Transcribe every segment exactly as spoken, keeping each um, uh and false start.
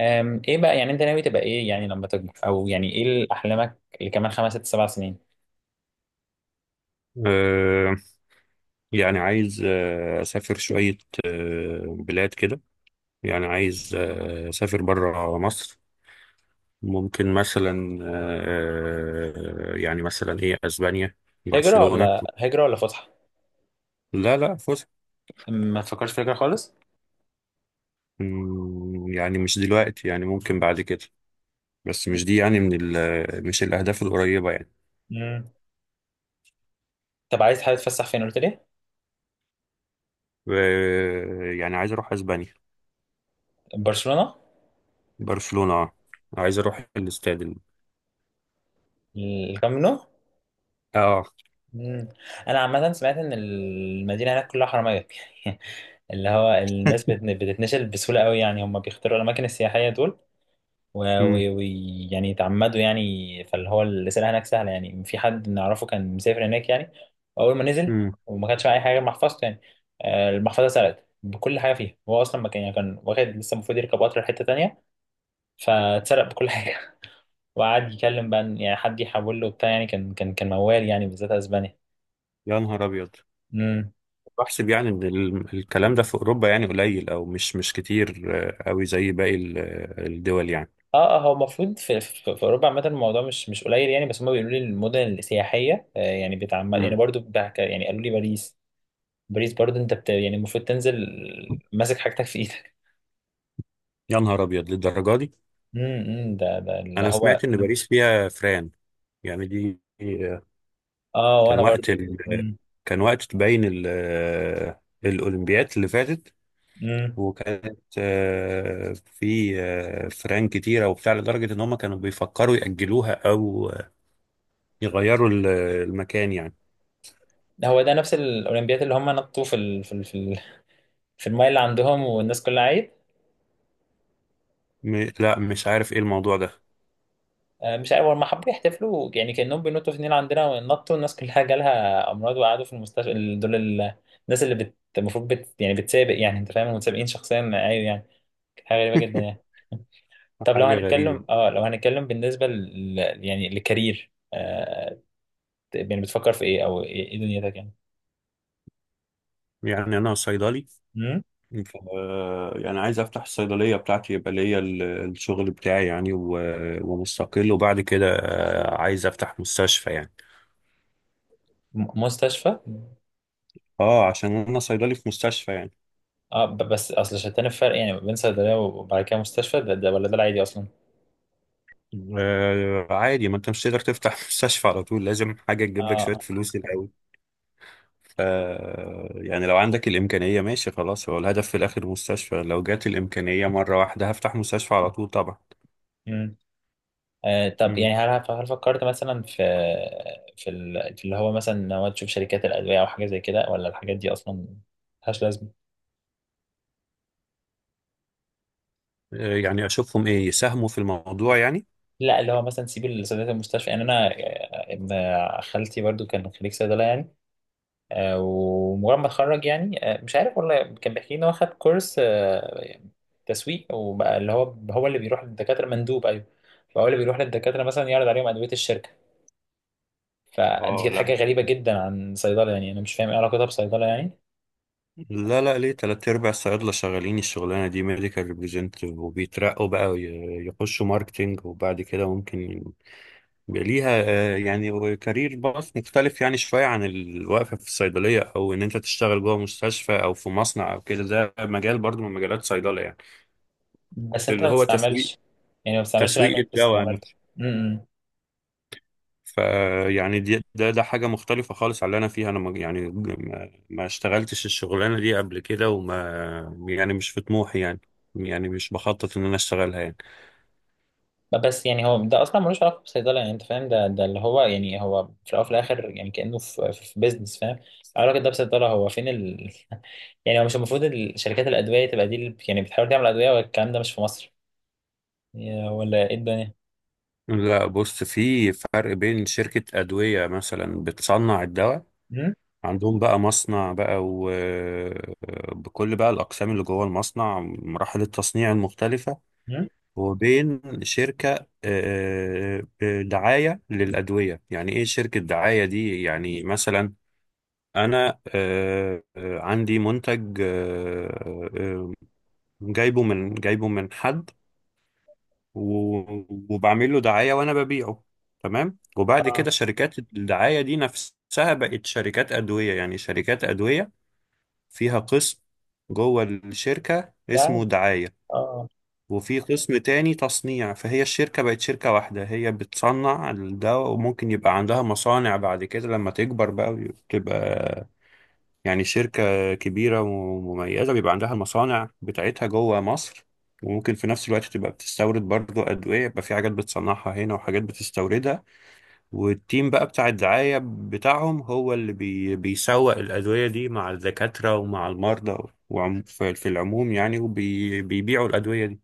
أم، ايه بقى يعني انت ناوي تبقى ايه يعني لما تكبر او يعني ايه اللي احلامك اللي كمان خمس ست سبع سنين؟ آه، يعني عايز آه، أسافر شوية آه، بلاد كده. يعني عايز آه، أسافر برا مصر. ممكن مثلا آه، يعني مثلا إيه أسبانيا، هجرة برشلونة. ولا هجرة ولا فسحة؟ لا لا، فسح. ما تفكرش في هجرة خالص؟ مم، يعني مش دلوقتي، يعني ممكن بعد كده، بس مش دي يعني من ال مش الأهداف القريبة يعني. مم. طب عايز حابب تتفسح فين قلت لي؟ آه، يعني عايز أروح أسبانيا، برشلونة. برشلونة آه. عايز أروح الاستاد ال- الكامب نو. آه. مم. انا عامة سمعت ان المدينة هناك كلها حرامية. اللي هو الناس بتن- بتتنشل بسهولة قوي، يعني هم بيختاروا الاماكن السياحية دول، مم، ويعني يتعمدوا، يعني فاللي هو الرسالة هناك سهلة، يعني في حد نعرفه كان مسافر هناك يعني. أول ما نزل مم. وما كانش معاه أي حاجة غير محفظته يعني. آه، المحفظة اتسرقت بكل حاجة فيها، هو أصلا ما كان يعني كان واخد لسه، المفروض يركب قطر لحتة تانية فاتسرق بكل حاجة وقعد يكلم بقى إن يعني حد يحول له بتاع، يعني كان كان كان موال، يعني بالذات أسبانيا. يا نهار أبيض. امم بحسب يعني ان ال- الكلام ده في اوروبا يعني قليل او مش مش كتير آه، قوي زي باقي ال- الدول يعني. اه اه، هو المفروض في, في, في اوروبا عامه، الموضوع مش مش قليل يعني، بس هم بيقولوا لي المدن السياحيه آه، يعني بتعمد يعني مم. برضو بتاع- يعني قالوا لي باريس، بريز برضه، انت بت... يعني المفروض تنزل ماسك حاجتك في ايدك. يا نهار ابيض للدرجه دي. امم امم، ده ده اللي انا هو. سمعت ان باريس فيها فران، يعني دي آه، اه كان وانا وقت برضه ال... امم كان وقت تبين ال... آه، الاولمبياد اللي فاتت، امم وكانت آه، في آه، فران كتيره وبتاع لدرجه ان هم كانوا بيفكروا ياجلوها او يغيروا ال- المكان يعني. هو ده نفس الاولمبياد اللي هم نطوا في ال... في ال... في, ال... في المايه اللي عندهم والناس كلها عيب. م... لا، مش عارف ايه الموضوع ده. آه، مش عارف، هما حبوا يحتفلوا يعني كانهم بينطوا في النيل عندنا، ونطوا الناس كلها جالها امراض وقعدوا في المستشفى ال- دول ال... الناس اللي بت... المفروض بت... يعني بتسابق، يعني انت فاهم المتسابقين شخصيا ايوه يعني، حاجه غريبه جدا يعني. طب لو حاجه غريبه. هنتكلم، اه لو هنتكلم بالنسبه ل... يعني لكارير، آه، يعني بتفكر في ايه، او ايه إيه دنيتك يعني؟ يعني أنا صيدلي، مم؟ ف- يعني عايز أفتح الصيدلية بتاعتي، يبقى ليا ال- الشغل بتاعي يعني، و- ومستقل. وبعد كده آه، عايز أفتح مستشفى يعني. م- مستشفى. أه، عشان أنا صيدلي في مستشفى يعني. اه، ب- بس اصل شتان الفرق يعني بين صيدليه وبعد كده مستشفى، ده, ده ولا ده العادي اصلا؟ آه، عادي، ما أنت مش تقدر تفتح مستشفى على طول، لازم حاجة تجيب لك اه شوية فلوس الأول. ف يعني لو عندك الإمكانية ماشي خلاص، هو الهدف في الآخر مستشفى، لو جات الإمكانية مرة واحدة هفتح مستشفى على طول طبعا. امم آه طب مم. يعني، هل هل فكرت مثلا في في, ال- في اللي هو مثلا ان هو تشوف شركات الادويه او حاجه زي كده، ولا الحاجات دي اصلا ملهاش لازمه؟ آه، يعني أشوفهم إيه، يساهموا في الموضوع يعني. لا اللي هو مثلا سيب صيدليه المستشفى، يعني انا آه، ابن خالتي برضو كان خريج صيدله يعني. آه، ومجرد ما اتخرج يعني، آه، مش عارف والله، كان بيحكي لي ان هو خد كورس آه، تسويق، وبقى اللي هو هو اللي بيروح للدكاتره، مندوب ايوه. فهو اللي بيروح للدكاتره مثلا يعرض عليهم ادويه الشركه. فدي اه، كانت حاجه لا غريبه جدا عن صيدله، يعني انا مش فاهم ايه علاقتها بصيدله يعني. لا لا، ليه تلات أرباع الصيادلة شغالين الشغلانة دي، ميديكال ريبريزنتيف، وبيترقوا بقى وي- يخشوا ماركتينج، وبعد كده ممكن يبقى ليها آه، يعني كارير باث مختلف يعني شوية عن الوقفة في الصيدلية، أو إن أنت تشتغل جوه مستشفى أو في مصنع أو كده. ده مجال برضو من مجالات صيدلة يعني، بس انت اللي ما هو تسويق، بتستعملش، يعني ما بتستعملش العلم تسويق اللي انت الدواء. استعملته. فيعني دي ده ده حاجة مختلفة خالص على اللي أنا فيها. أنا ما يعني ما, ما اشتغلتش الشغلانة دي قبل كده، وما يعني مش في طموحي يعني. يعني مش بخطط إن أنا أشتغلها يعني. بس يعني هو ده اصلا ملوش علاقه بالصيدله، يعني انت فاهم ده ده اللي هو، يعني هو في الاول وفي الاخر يعني كانه في في, في بيزنس، فاهم؟ علاقه ده بصيدله هو فين ال... يعني هو مش المفروض ال- شركات الادويه تبقى دي اللي يعني بتحاول تعمل ادويه والكلام ده مش في مصر يا، ولا ايه الدنيا؟ لا، بص، في فرق بين شركة أدوية مثلا بتصنع الدواء، مم؟ عندهم بقى مصنع بقى، وبكل بقى الأقسام اللي جوه المصنع، مراحل التصنيع المختلفة، مم؟ وبين شركة آه، آه، دعاية للأدوية. يعني إيه شركة دعاية دي؟ يعني مثلا انا آه، آه، عندي منتج آه، آه، جايبه من جايبه من حد، و- وبعمل له دعاية وانا ببيعه. تمام. وبعد اه كده شركات الدعاية دي نفسها بقت شركات أدوية. يعني شركات أدوية فيها قسم جوه الشركة ده، اسمه دعاية، اه وفي قسم تاني تصنيع. فهي الشركة بقت شركة واحدة، هي بتصنع الدواء، وممكن يبقى عندها مصانع بعد كده لما تكبر بقى، وتبقى يعني شركة كبيرة ومميزة بيبقى عندها المصانع بتاعتها جوه مصر. وممكن في نفس الوقت تبقى بتستورد برضو أدوية، يبقى في حاجات بتصنعها هنا وحاجات بتستوردها. والتيم بقى بتاع الدعاية بتاعهم هو اللي بي بيسوق الأدوية دي مع الدكاترة ومع المرضى، وعم في في العموم يعني، وبيبيعوا الأدوية دي.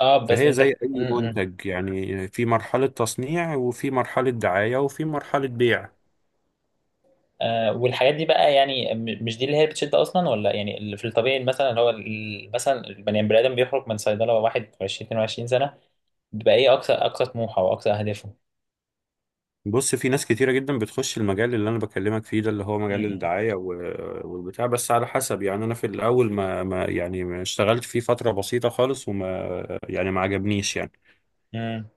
اه، بس فهي زي انت أي امم منتج يعني، في مرحلة تصنيع، وفي مرحلة دعاية، وفي مرحلة بيع. آه والحاجات دي بقى، يعني م- مش دي اللي هي بتشد اصلا، ولا يعني اللي في الطبيعي مثلا اللي هو ال- مثلا البني البني ادم بيخرج من صيدله وهو واحد عشرين اتنين وعشرين سنه، بيبقى ايه اقصى اقصى طموحه واقصى اهدافه؟ بص، في ناس كتيرة جدا بتخش المجال اللي أنا بكلمك فيه ده، اللي هو مجال مم. الدعاية و- والبتاع، بس على حسب يعني. أنا في الأول ما, ما يعني ما اشتغلت فيه فترة بسيطة خالص، وما يعني ما عجبنيش يعني، مم.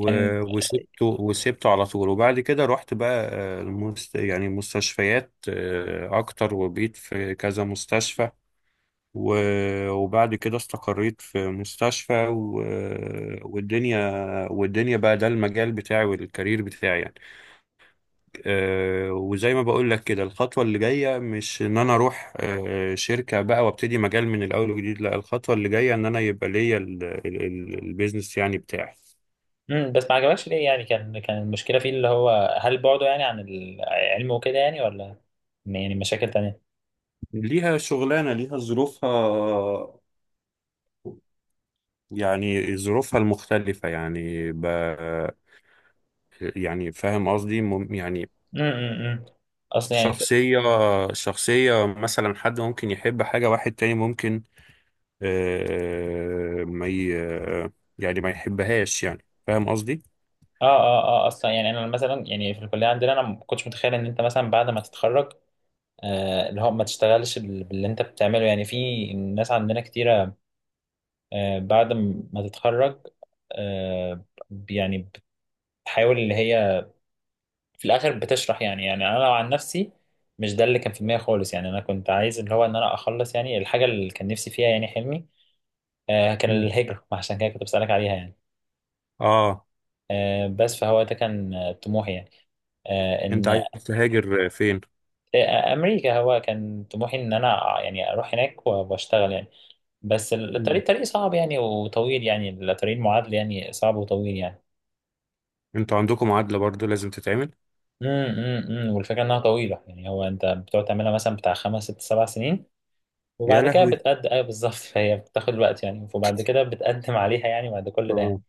كان وسبته وسبته على طول. وبعد كده رحت بقى آه، المست يعني مستشفيات آه، أكتر، وبقيت في كذا مستشفى، و- وبعد كده استقريت في مستشفى، و- والدنيا، والدنيا بقى ده المجال بتاعي والكارير بتاعي يعني. آه، وزي ما بقول لك كده، الخطوة اللي جاية مش ان انا اروح آه، شركة بقى وابتدي مجال من الاول وجديد، لا، الخطوة اللي جاية ان انا يبقى ليا ال- ال- ال- البيزنس يعني بتاعي. مم. بس ما عجبكش ليه يعني، كان كان المشكلة فيه اللي هو هل بعده يعني عن العلم وكده يعني، ولا يعني مشاكل تانية؟ ليها شغلانة، ليها ظروفها، يعني ظروفها المختلفة يعني ب... يعني فاهم قصدي؟ مم- يعني مم. مم. مم. اصلا يعني، شخصية، شخصية، مثلا حد ممكن يحب حاجة، واحد تاني ممكن آه، ما ي... يعني ما يحبهاش. يعني فاهم قصدي؟ اه اه اه، اصلا يعني انا مثلا يعني في الكلية عندنا، انا ما كنتش متخيل ان انت مثلا بعد ما تتخرج، آه اللي هو ما تشتغلش بال- باللي انت بتعمله يعني. في ناس عندنا كتيرة، آه بعد م- ما تتخرج، آه يعني بتحاول اللي هي في الاخر بتشرح يعني. يعني انا لو عن نفسي مش ده اللي كان في دماغي خالص، يعني انا كنت عايز اللي هو ان انا اخلص يعني الحاجه اللي كان نفسي فيها، يعني حلمي آه كان الهجره، عشان كده كنت بسالك عليها يعني. اه، آه بس فهو ده كان آه، طموحي يعني. آه انت ان عايز تهاجر فين؟ آه امريكا، هو كان طموحي ان انا يعني اروح هناك و- واشتغل يعني. بس مم. الطريق طريق صعب يعني وطويل يعني، الطريق المعادله يعني صعب وطويل يعني. انتوا عندكم معادلة برضو لازم تتعمل. امم امم إمم. والفكره انها طويله يعني، هو انت بتقعد تعملها مثلا بتاع خمس ست سبع سنين يا وبعد كده لهوي. بتقدم ايوه بالظبط، فهي بتاخد وقت يعني، وبعد كده بتقدم عليها يعني بعد كل ده يعني. اه.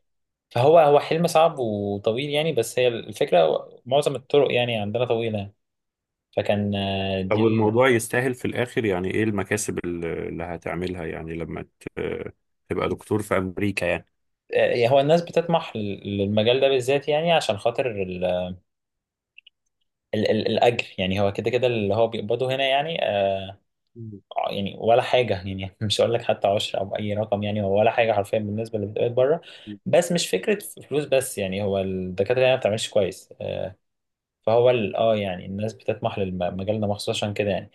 فهو هو حلم صعب وطويل يعني، بس هي الفكره معظم الطرق يعني عندنا طويله يعني. فكان آه، طب دي ال... الموضوع يستاهل في الاخر يعني؟ ايه المكاسب ال- اللي هتعملها يعني لما ت- تبقى دكتور في امريكا يعني؟ آه، هو الناس بتطمح لل- للمجال ده بالذات، يعني عشان خاطر ال... ال... ال... الاجر يعني، هو كده كده اللي هو بيقبضه هنا يعني آه، مم. يعني ولا حاجه يعني مش هقول لك حتى عشر او اي رقم، يعني هو ولا حاجه حرفيا بالنسبه اللي بتقبض بره. بس مش فكره فلوس بس يعني، هو الدكاتره هنا ما بتعملش كويس آه، فهو ال- اه يعني الناس بتطمح لمجالنا مخصوص عشان كده يعني.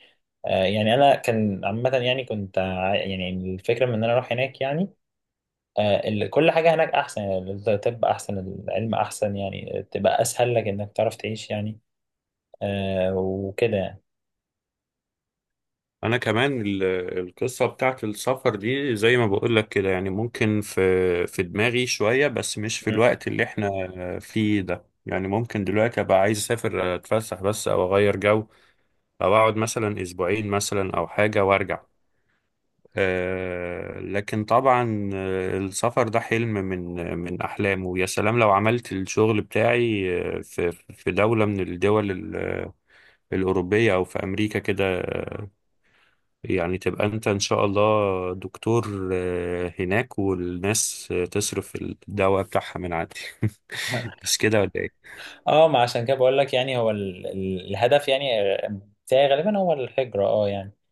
آه يعني انا كان عامه يعني، كنت ع- يعني الفكره من ان انا اروح هناك يعني. آه ال- كل حاجه هناك احسن يعني، الطب احسن، العلم احسن يعني تبقى اسهل لك انك تعرف تعيش يعني، آه وكده يعني. انا كمان ال- القصة بتاعت السفر دي زي ما بقول لك كده، يعني ممكن في في دماغي شوية، بس مش في الوقت اللي احنا فيه ده. يعني ممكن دلوقتي ابقى عايز اسافر اتفسح بس، او اغير جو، او اقعد مثلا اسبوعين مثلا او حاجة وارجع. آه، لكن طبعا آه، السفر ده حلم من من أحلامه. ويا سلام لو عملت الشغل بتاعي آه، في في دولة من الدول ال- الأوروبية أو في أمريكا كده. آه، يعني تبقى أنت إن شاء الله دكتور آه، هناك، والناس آه، تصرف الدواء بتاعها من عندي. مش كده ولا إيه؟ اه، ما عشان كده بقول لك يعني، هو ال- ال- الهدف يعني آه، بتاعي غالبا هو الهجره، اه يعني.